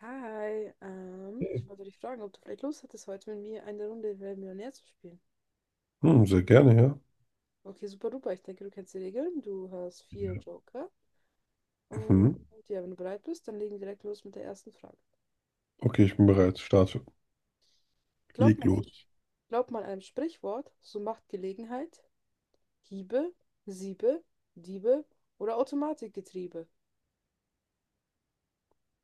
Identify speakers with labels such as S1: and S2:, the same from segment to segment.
S1: Hi, ich wollte dich fragen, ob du vielleicht Lust hättest, heute mit mir eine Runde Wer wird Millionär zu spielen.
S2: Hm, sehr gerne, ja.
S1: Okay, super duper. Ich denke, du kennst die Regeln. Du hast vier
S2: Ja.
S1: Joker. Und
S2: Mhm.
S1: ja, wenn du bereit bist, dann legen wir direkt los mit der ersten Frage.
S2: Okay, ich bin bereit. Starte.
S1: Glaubt
S2: Leg
S1: man einem,
S2: los.
S1: Glaubt man einem Sprichwort, so macht Gelegenheit Hiebe, Siebe, Diebe oder Automatikgetriebe.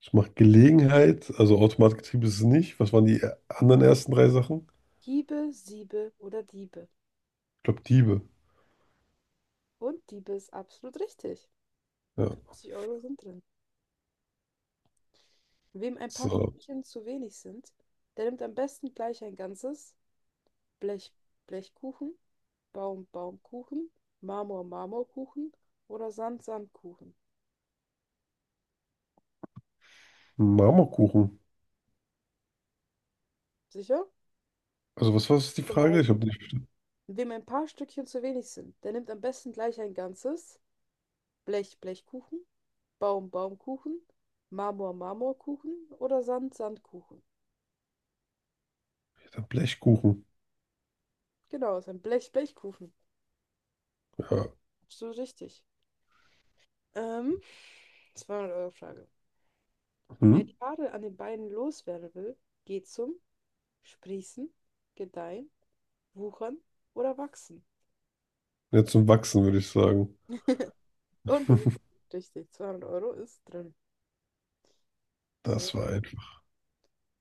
S2: Ich mache Gelegenheit, also Automatgetriebe ist es nicht. Was waren die anderen ersten drei Sachen?
S1: Hiebe, Siebe oder Diebe.
S2: Ich glaube, Diebe.
S1: Und Diebe ist absolut richtig.
S2: Ja.
S1: 50 Euro sind drin. Wem ein paar
S2: So.
S1: Stückchen zu wenig sind, der nimmt am besten gleich ein ganzes Blech Blechkuchen, Baumkuchen, Marmorkuchen oder Sandkuchen.
S2: Marmorkuchen.
S1: Sicher?
S2: Also, was war das die
S1: Schon
S2: Frage?
S1: mal-
S2: Ich habe nicht verstanden.
S1: Wem ein paar Stückchen zu wenig sind, der nimmt am besten gleich ein ganzes Blechkuchen, Baumkuchen, Marmorkuchen oder Sandkuchen.
S2: Der Blechkuchen.
S1: Genau, ist ein Blechkuchen.
S2: Ja.
S1: Absolut richtig. Ähm, 200-Euro-Frage.
S2: Hm?
S1: Wer die Nadel an den Beinen loswerden will, geht zum sprießen, gedeihen, wuchern oder wachsen.
S2: Jetzt zum Wachsen, würde ich sagen.
S1: Und das ist richtig, 200 Euro ist drin.
S2: Das war
S1: So.
S2: einfach.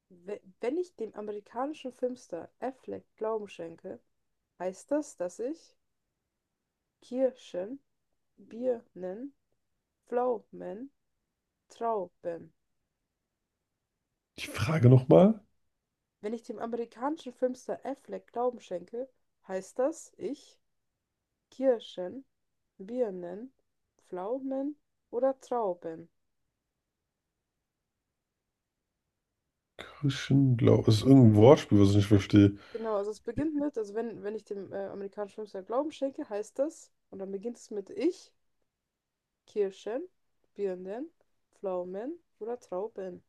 S1: Wenn ich dem amerikanischen Filmstar Affleck Glauben schenke, heißt das, dass ich Kirschen, Birnen, Pflaumen, Trauben.
S2: Die Frage nochmal?
S1: Wenn ich dem amerikanischen Filmstar Affleck Glauben schenke, heißt das, ich Kirschen, Birnen, Pflaumen oder Trauben.
S2: Christian Blau. Das ist irgendein Wortspiel, was ich nicht verstehe.
S1: Genau, also es beginnt mit, also wenn ich dem amerikanischen Filmstar Glauben schenke, heißt das, und dann beginnt es mit ich, Kirschen, Birnen, Pflaumen oder Trauben.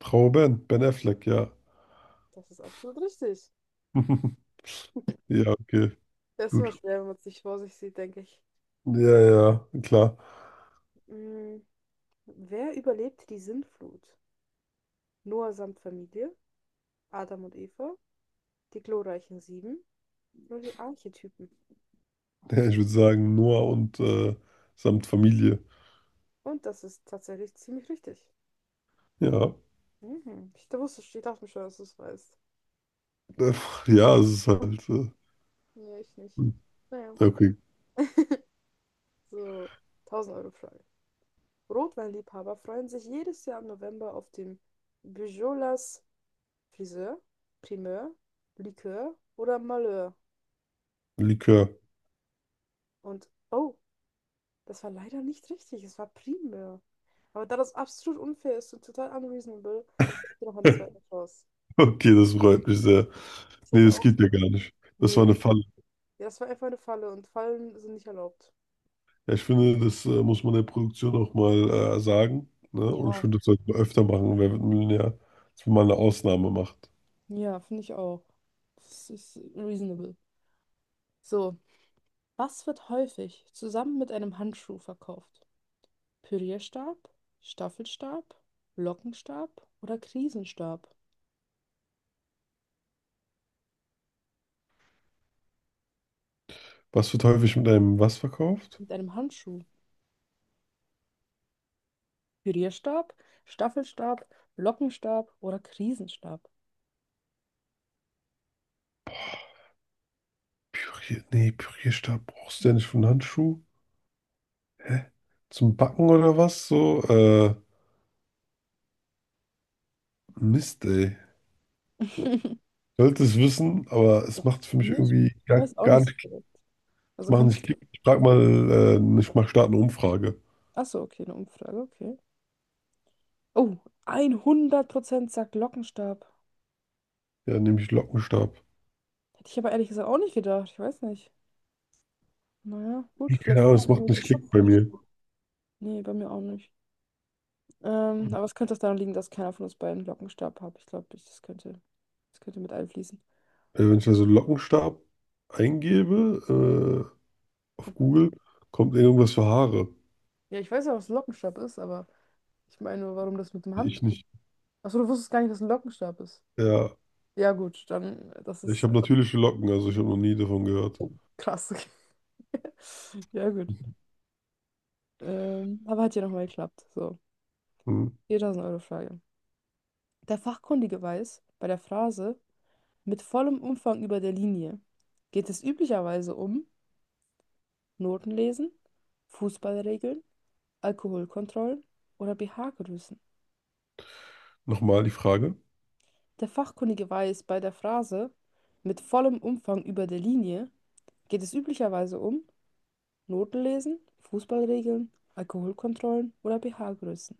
S2: Trauer Ben. Ben Affleck, ja.
S1: Das ist absolut richtig.
S2: Ja, okay.
S1: Das ist immer
S2: Gut.
S1: schwer, wenn man es nicht vor sich sieht, denke ich.
S2: Ja, ja, klar.
S1: Mm, wer überlebt die Sintflut? Noah samt Familie, Adam und Eva, die glorreichen Sieben oder die Archetypen?
S2: Ja, ich würde sagen, Noah und samt Familie.
S1: Und das ist tatsächlich ziemlich richtig.
S2: Ja,
S1: Mhm. Ich wusste, ich dachte mir schon, dass du es weißt.
S2: äh, ja, es ist halt.
S1: Nee, ich nicht.
S2: Hm,
S1: Naja.
S2: okay,
S1: So, 1000 Euro Frage. Rotweinliebhaber freuen sich jedes Jahr im November auf dem Bujolas Friseur, Primeur, Likör oder Malheur.
S2: Likör.
S1: Und, oh, das war leider nicht richtig, es war Primeur. Aber da das absolut unfair ist und total unreasonable, gebe ich dir noch eine zweite Chance.
S2: Okay, das freut mich sehr.
S1: Ich
S2: Nee,
S1: hätte
S2: das
S1: auch.
S2: geht ja gar nicht. Das
S1: Nee,
S2: war eine Falle.
S1: ja, das war einfach eine Falle und Fallen sind nicht erlaubt.
S2: Ja, ich finde, das muss man der Produktion auch mal sagen. Ne? Und ich
S1: Ja,
S2: finde, das sollte man öfter machen. Wer wird Millionär? Dass man mal eine Ausnahme macht.
S1: ja, finde ich auch. Das ist reasonable. So, was wird häufig zusammen mit einem Handschuh verkauft? Pürierstab, Staffelstab, Lockenstab oder Krisenstab
S2: Was wird häufig mit einem was verkauft?
S1: mit einem Handschuh. Pürierstab, Staffelstab, Lockenstab oder Krisenstab.
S2: Nee, Pürierstab brauchst du ja nicht für einen Handschuh. Hä? Zum Backen oder was? So, Mist, ey. Sollte es wissen, aber es macht für mich
S1: Ich
S2: irgendwie gar,
S1: weiß auch
S2: gar
S1: nicht so
S2: nicht Klick.
S1: direkt.
S2: Es
S1: Also
S2: macht
S1: kannst
S2: nicht
S1: du.
S2: Klick. Ich frag mal, ich mach starte eine Umfrage.
S1: Achso, okay, eine Umfrage, okay. Oh, 100% sagt Lockenstab.
S2: Ja, nehme ich Lockenstab.
S1: Hätte ich aber ehrlich gesagt auch nicht gedacht. Ich weiß nicht. Naja, gut,
S2: Nee, keine
S1: vielleicht
S2: Ahnung,
S1: kann
S2: es
S1: ich
S2: macht
S1: irgendwelche
S2: nicht Klick bei mir.
S1: Schutzhandschuhe. Nee, bei mir auch nicht. Aber es könnte auch daran liegen, dass keiner von uns beiden Lockenstab hat. Ich glaube, das das könnte mit einfließen.
S2: Wenn ich also Lockenstab eingebe, auf Google, kommt irgendwas für Haare.
S1: Ja, ich weiß ja, was ein Lockenstab ist, aber ich meine, warum das mit dem Hand.
S2: Ich nicht.
S1: Achso, du wusstest gar nicht, was ein Lockenstab ist.
S2: Ja,
S1: Ja, gut, dann, das
S2: ich
S1: ist
S2: habe natürliche Locken, also ich habe noch nie davon gehört.
S1: krass. Ja, gut. Aber hat ja nochmal geklappt. So,
S2: Hm.
S1: 4000 Euro Frage. Der Fachkundige weiß, bei der Phrase mit vollem Umfang über der Linie geht es üblicherweise um Notenlesen, Fußballregeln, Alkoholkontrollen oder pH-Größen.
S2: Nochmal die Frage.
S1: Der Fachkundige weiß, bei der Phrase mit vollem Umfang über der Linie geht es üblicherweise um Notenlesen, Fußballregeln, Alkoholkontrollen oder pH-Größen.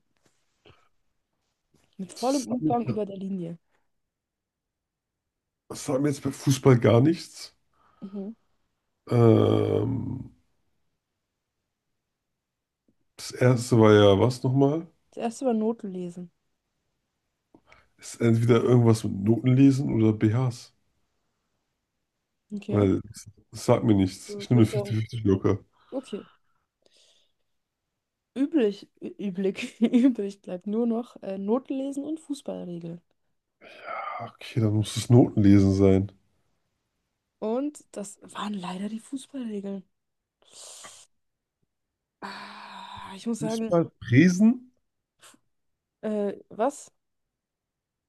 S1: Mit
S2: Das
S1: vollem
S2: sagt mir,
S1: Umfang über der Linie.
S2: das sagt mir jetzt bei Fußball gar nichts.
S1: Mhm.
S2: Ähm, das erste war ja was nochmal?
S1: Das erste war Notenlesen.
S2: Ist entweder irgendwas mit Notenlesen lesen oder BHs.
S1: Okay.
S2: Weil das sagt mir nichts.
S1: So,
S2: Ich nehme eine
S1: würde sagen,
S2: 50-50 locker.
S1: okay. Üblich, üblich, übrig bleibt nur noch Notenlesen und Fußballregeln.
S2: Ah, okay, dann muss es Notenlesen sein.
S1: Und das waren leider die Fußballregeln. Ah, ich muss sagen,
S2: Fußball, Presen?
S1: was?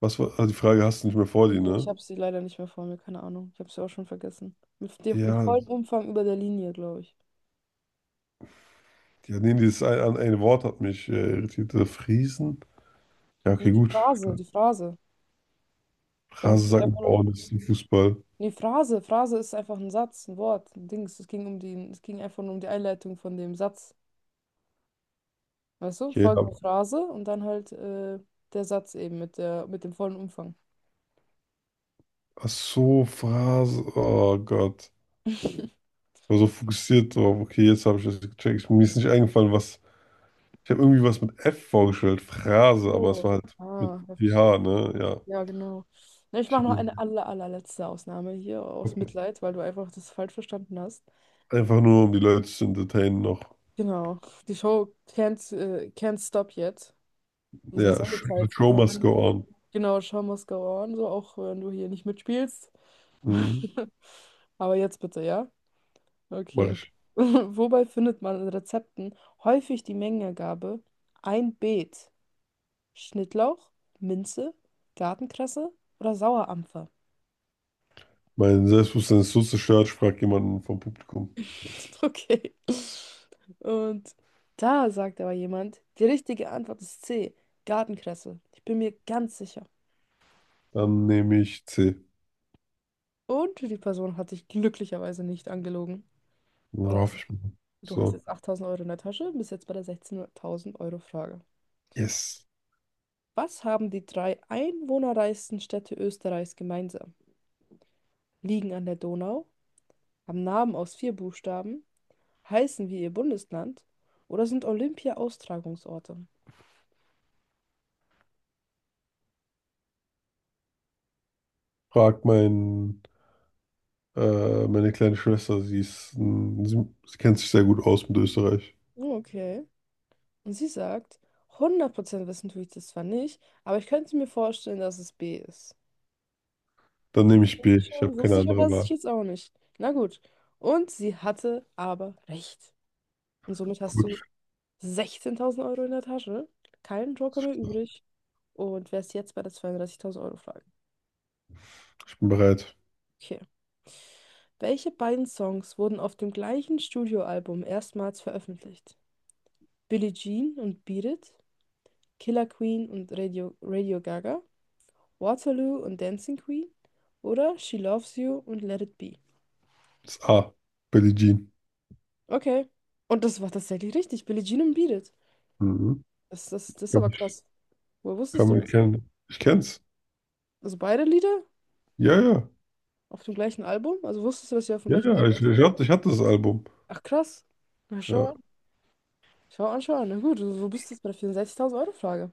S2: Was war, ah, die Frage hast du nicht mehr vor
S1: Nee,
S2: dir,
S1: ich
S2: ne?
S1: habe sie leider nicht mehr vor mir, keine Ahnung. Ich habe sie auch schon vergessen. Mit
S2: Ja,
S1: vollem Umfang über der Linie, glaube ich.
S2: ja, nee, dieses eine Wort hat mich irritiert. Friesen? Ja,
S1: Nee,
S2: okay, gut.
S1: Die Phrase. Damit wird einfach
S2: Phrasensacken
S1: nur.
S2: bauen, das ist ein Fußball.
S1: Nee, Phrase ist einfach ein Satz, ein Wort, ein Dings. Es ging um es ging einfach nur um die Einleitung von dem Satz. Weißt du?
S2: Okay,
S1: Folgende
S2: aber,
S1: Phrase und dann halt der Satz eben mit mit dem vollen Umfang.
S2: ach so, Phrase, oh Gott. Ich war so fokussiert drauf. Okay, jetzt habe ich das gecheckt. Mir ist nicht eingefallen, was. Ich habe irgendwie was mit F vorgestellt, Phrase, aber es
S1: Oh.
S2: war halt mit
S1: Ah, ja,
S2: PH,
S1: verstehe.
S2: ne? Ja.
S1: Ja, genau. Na, ich
S2: Ich
S1: mache
S2: habe
S1: noch
S2: mir,
S1: eine allerletzte Ausnahme hier aus
S2: okay,
S1: Mitleid, weil du einfach das falsch verstanden hast.
S2: einfach nur, um die Leute zu entertainen, noch.
S1: Genau. Die Show Can't Stop Yet.
S2: Ja, the show
S1: Unsere
S2: must go
S1: Sendezeit.
S2: on.
S1: Genau, Show must go on, so auch wenn du hier nicht mitspielst.
S2: Mhm.
S1: Aber jetzt bitte, ja?
S2: Mach
S1: Okay.
S2: ich.
S1: Wobei findet man in Rezepten häufig die Mengenangabe ein Beet, Schnittlauch, Minze, Gartenkresse oder Sauerampfer?
S2: Mein Selbstbewusstsein ist so zerstört, ich frage jemanden vom Publikum.
S1: Okay. Und da sagt aber jemand, die richtige Antwort ist C, Gartenkresse. Ich bin mir ganz sicher.
S2: Dann nehme ich C.
S1: Und die Person hat dich glücklicherweise nicht angelogen.
S2: Ja, hoffe
S1: Und
S2: ich mal.
S1: du hast
S2: So.
S1: jetzt 8000 Euro in der Tasche, bist jetzt bei der 16.000 Euro Frage.
S2: Yes.
S1: Was haben die drei einwohnerreichsten Städte Österreichs gemeinsam? Liegen an der Donau, haben Namen aus vier Buchstaben, heißen wie ihr Bundesland oder sind Olympia-Austragungsorte?
S2: Frag meine kleine Schwester, sie ist, ein- sie kennt sich sehr gut aus mit Österreich.
S1: Okay. Und sie sagt, 100% wissen tue ich das zwar nicht, aber ich könnte mir vorstellen, dass es B ist.
S2: Dann nehme ich B.
S1: Wusste
S2: Ich habe keine
S1: wusste ich
S2: andere
S1: aber sich
S2: Wahl.
S1: jetzt auch nicht. Na gut. Und sie hatte aber recht. Und somit hast
S2: Gut,
S1: du 16.000 Euro in der Tasche, keinen Joker mehr übrig und wärst jetzt bei der 32.000 Euro Frage.
S2: ich bin bereit.
S1: Okay. Welche beiden Songs wurden auf dem gleichen Studioalbum erstmals veröffentlicht? Billie Jean und Beat It, Killer Queen und Radio Gaga, Waterloo und Dancing Queen oder She Loves You und Let It Be?
S2: Das A. Billie Jean.
S1: Okay. Und das war tatsächlich richtig. Billie Jean und Beat It.
S2: Mhm.
S1: Das ist
S2: Glaub,
S1: aber
S2: ich
S1: krass. Woher wusstest
S2: kann
S1: du
S2: mich
S1: das?
S2: kennen. Ich kenn's.
S1: Also beide Lieder
S2: Ja, ja.
S1: auf dem gleichen Album? Also wusstest du, dass sie auf dem
S2: Ja,
S1: gleichen
S2: ja.
S1: Album
S2: Ich,
S1: sind?
S2: ich hatte das Album.
S1: Ach krass. Na schau
S2: Ja.
S1: an. Schau an, schau an. Na gut, so bist jetzt bei der 64.000 Euro Frage.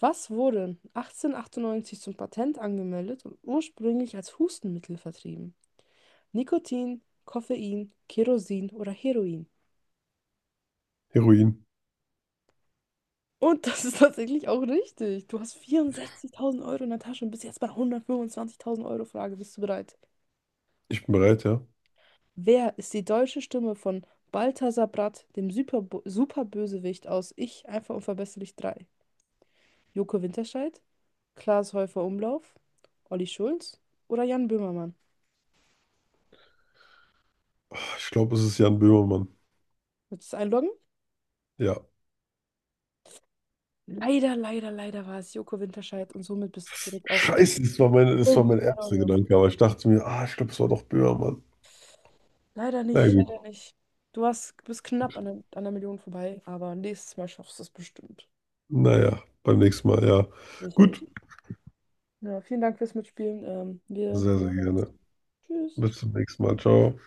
S1: Was wurde 1898 zum Patent angemeldet und ursprünglich als Hustenmittel vertrieben? Nikotin, Koffein, Kerosin oder Heroin?
S2: Heroin.
S1: Und das ist tatsächlich auch richtig. Du hast 64.000 Euro in der Tasche und bist jetzt bei 125.000 Euro Frage. Bist du bereit?
S2: Ich bin bereit, ja.
S1: Wer ist die deutsche Stimme von Balthasar Bratt, dem Superbösewicht aus Ich, einfach unverbesserlich 3? Joko Winterscheidt, Klaas Häufer-Umlauf, Olli Schulz oder Jan Böhmermann?
S2: Ah, ich glaube, es ist Jan Böhmermann.
S1: Willst du es einloggen?
S2: Ja.
S1: Leider war es Joko Winterscheidt und somit bist du zurück auf
S2: Scheiße, das war mein
S1: 500
S2: erster
S1: Euro.
S2: Gedanke, aber ich dachte mir, ah, ich glaube, es war doch Böhmermann.
S1: Leider
S2: Na
S1: nicht,
S2: gut.
S1: leider nicht. Bist knapp an an der Million vorbei, aber nächstes Mal schaffst du es bestimmt.
S2: Naja, beim nächsten Mal, ja. Gut.
S1: Sicherlich. Ja, vielen Dank fürs Mitspielen. Wir
S2: Sehr, sehr
S1: hören uns.
S2: gerne.
S1: Tschüss.
S2: Bis zum nächsten Mal. Ciao.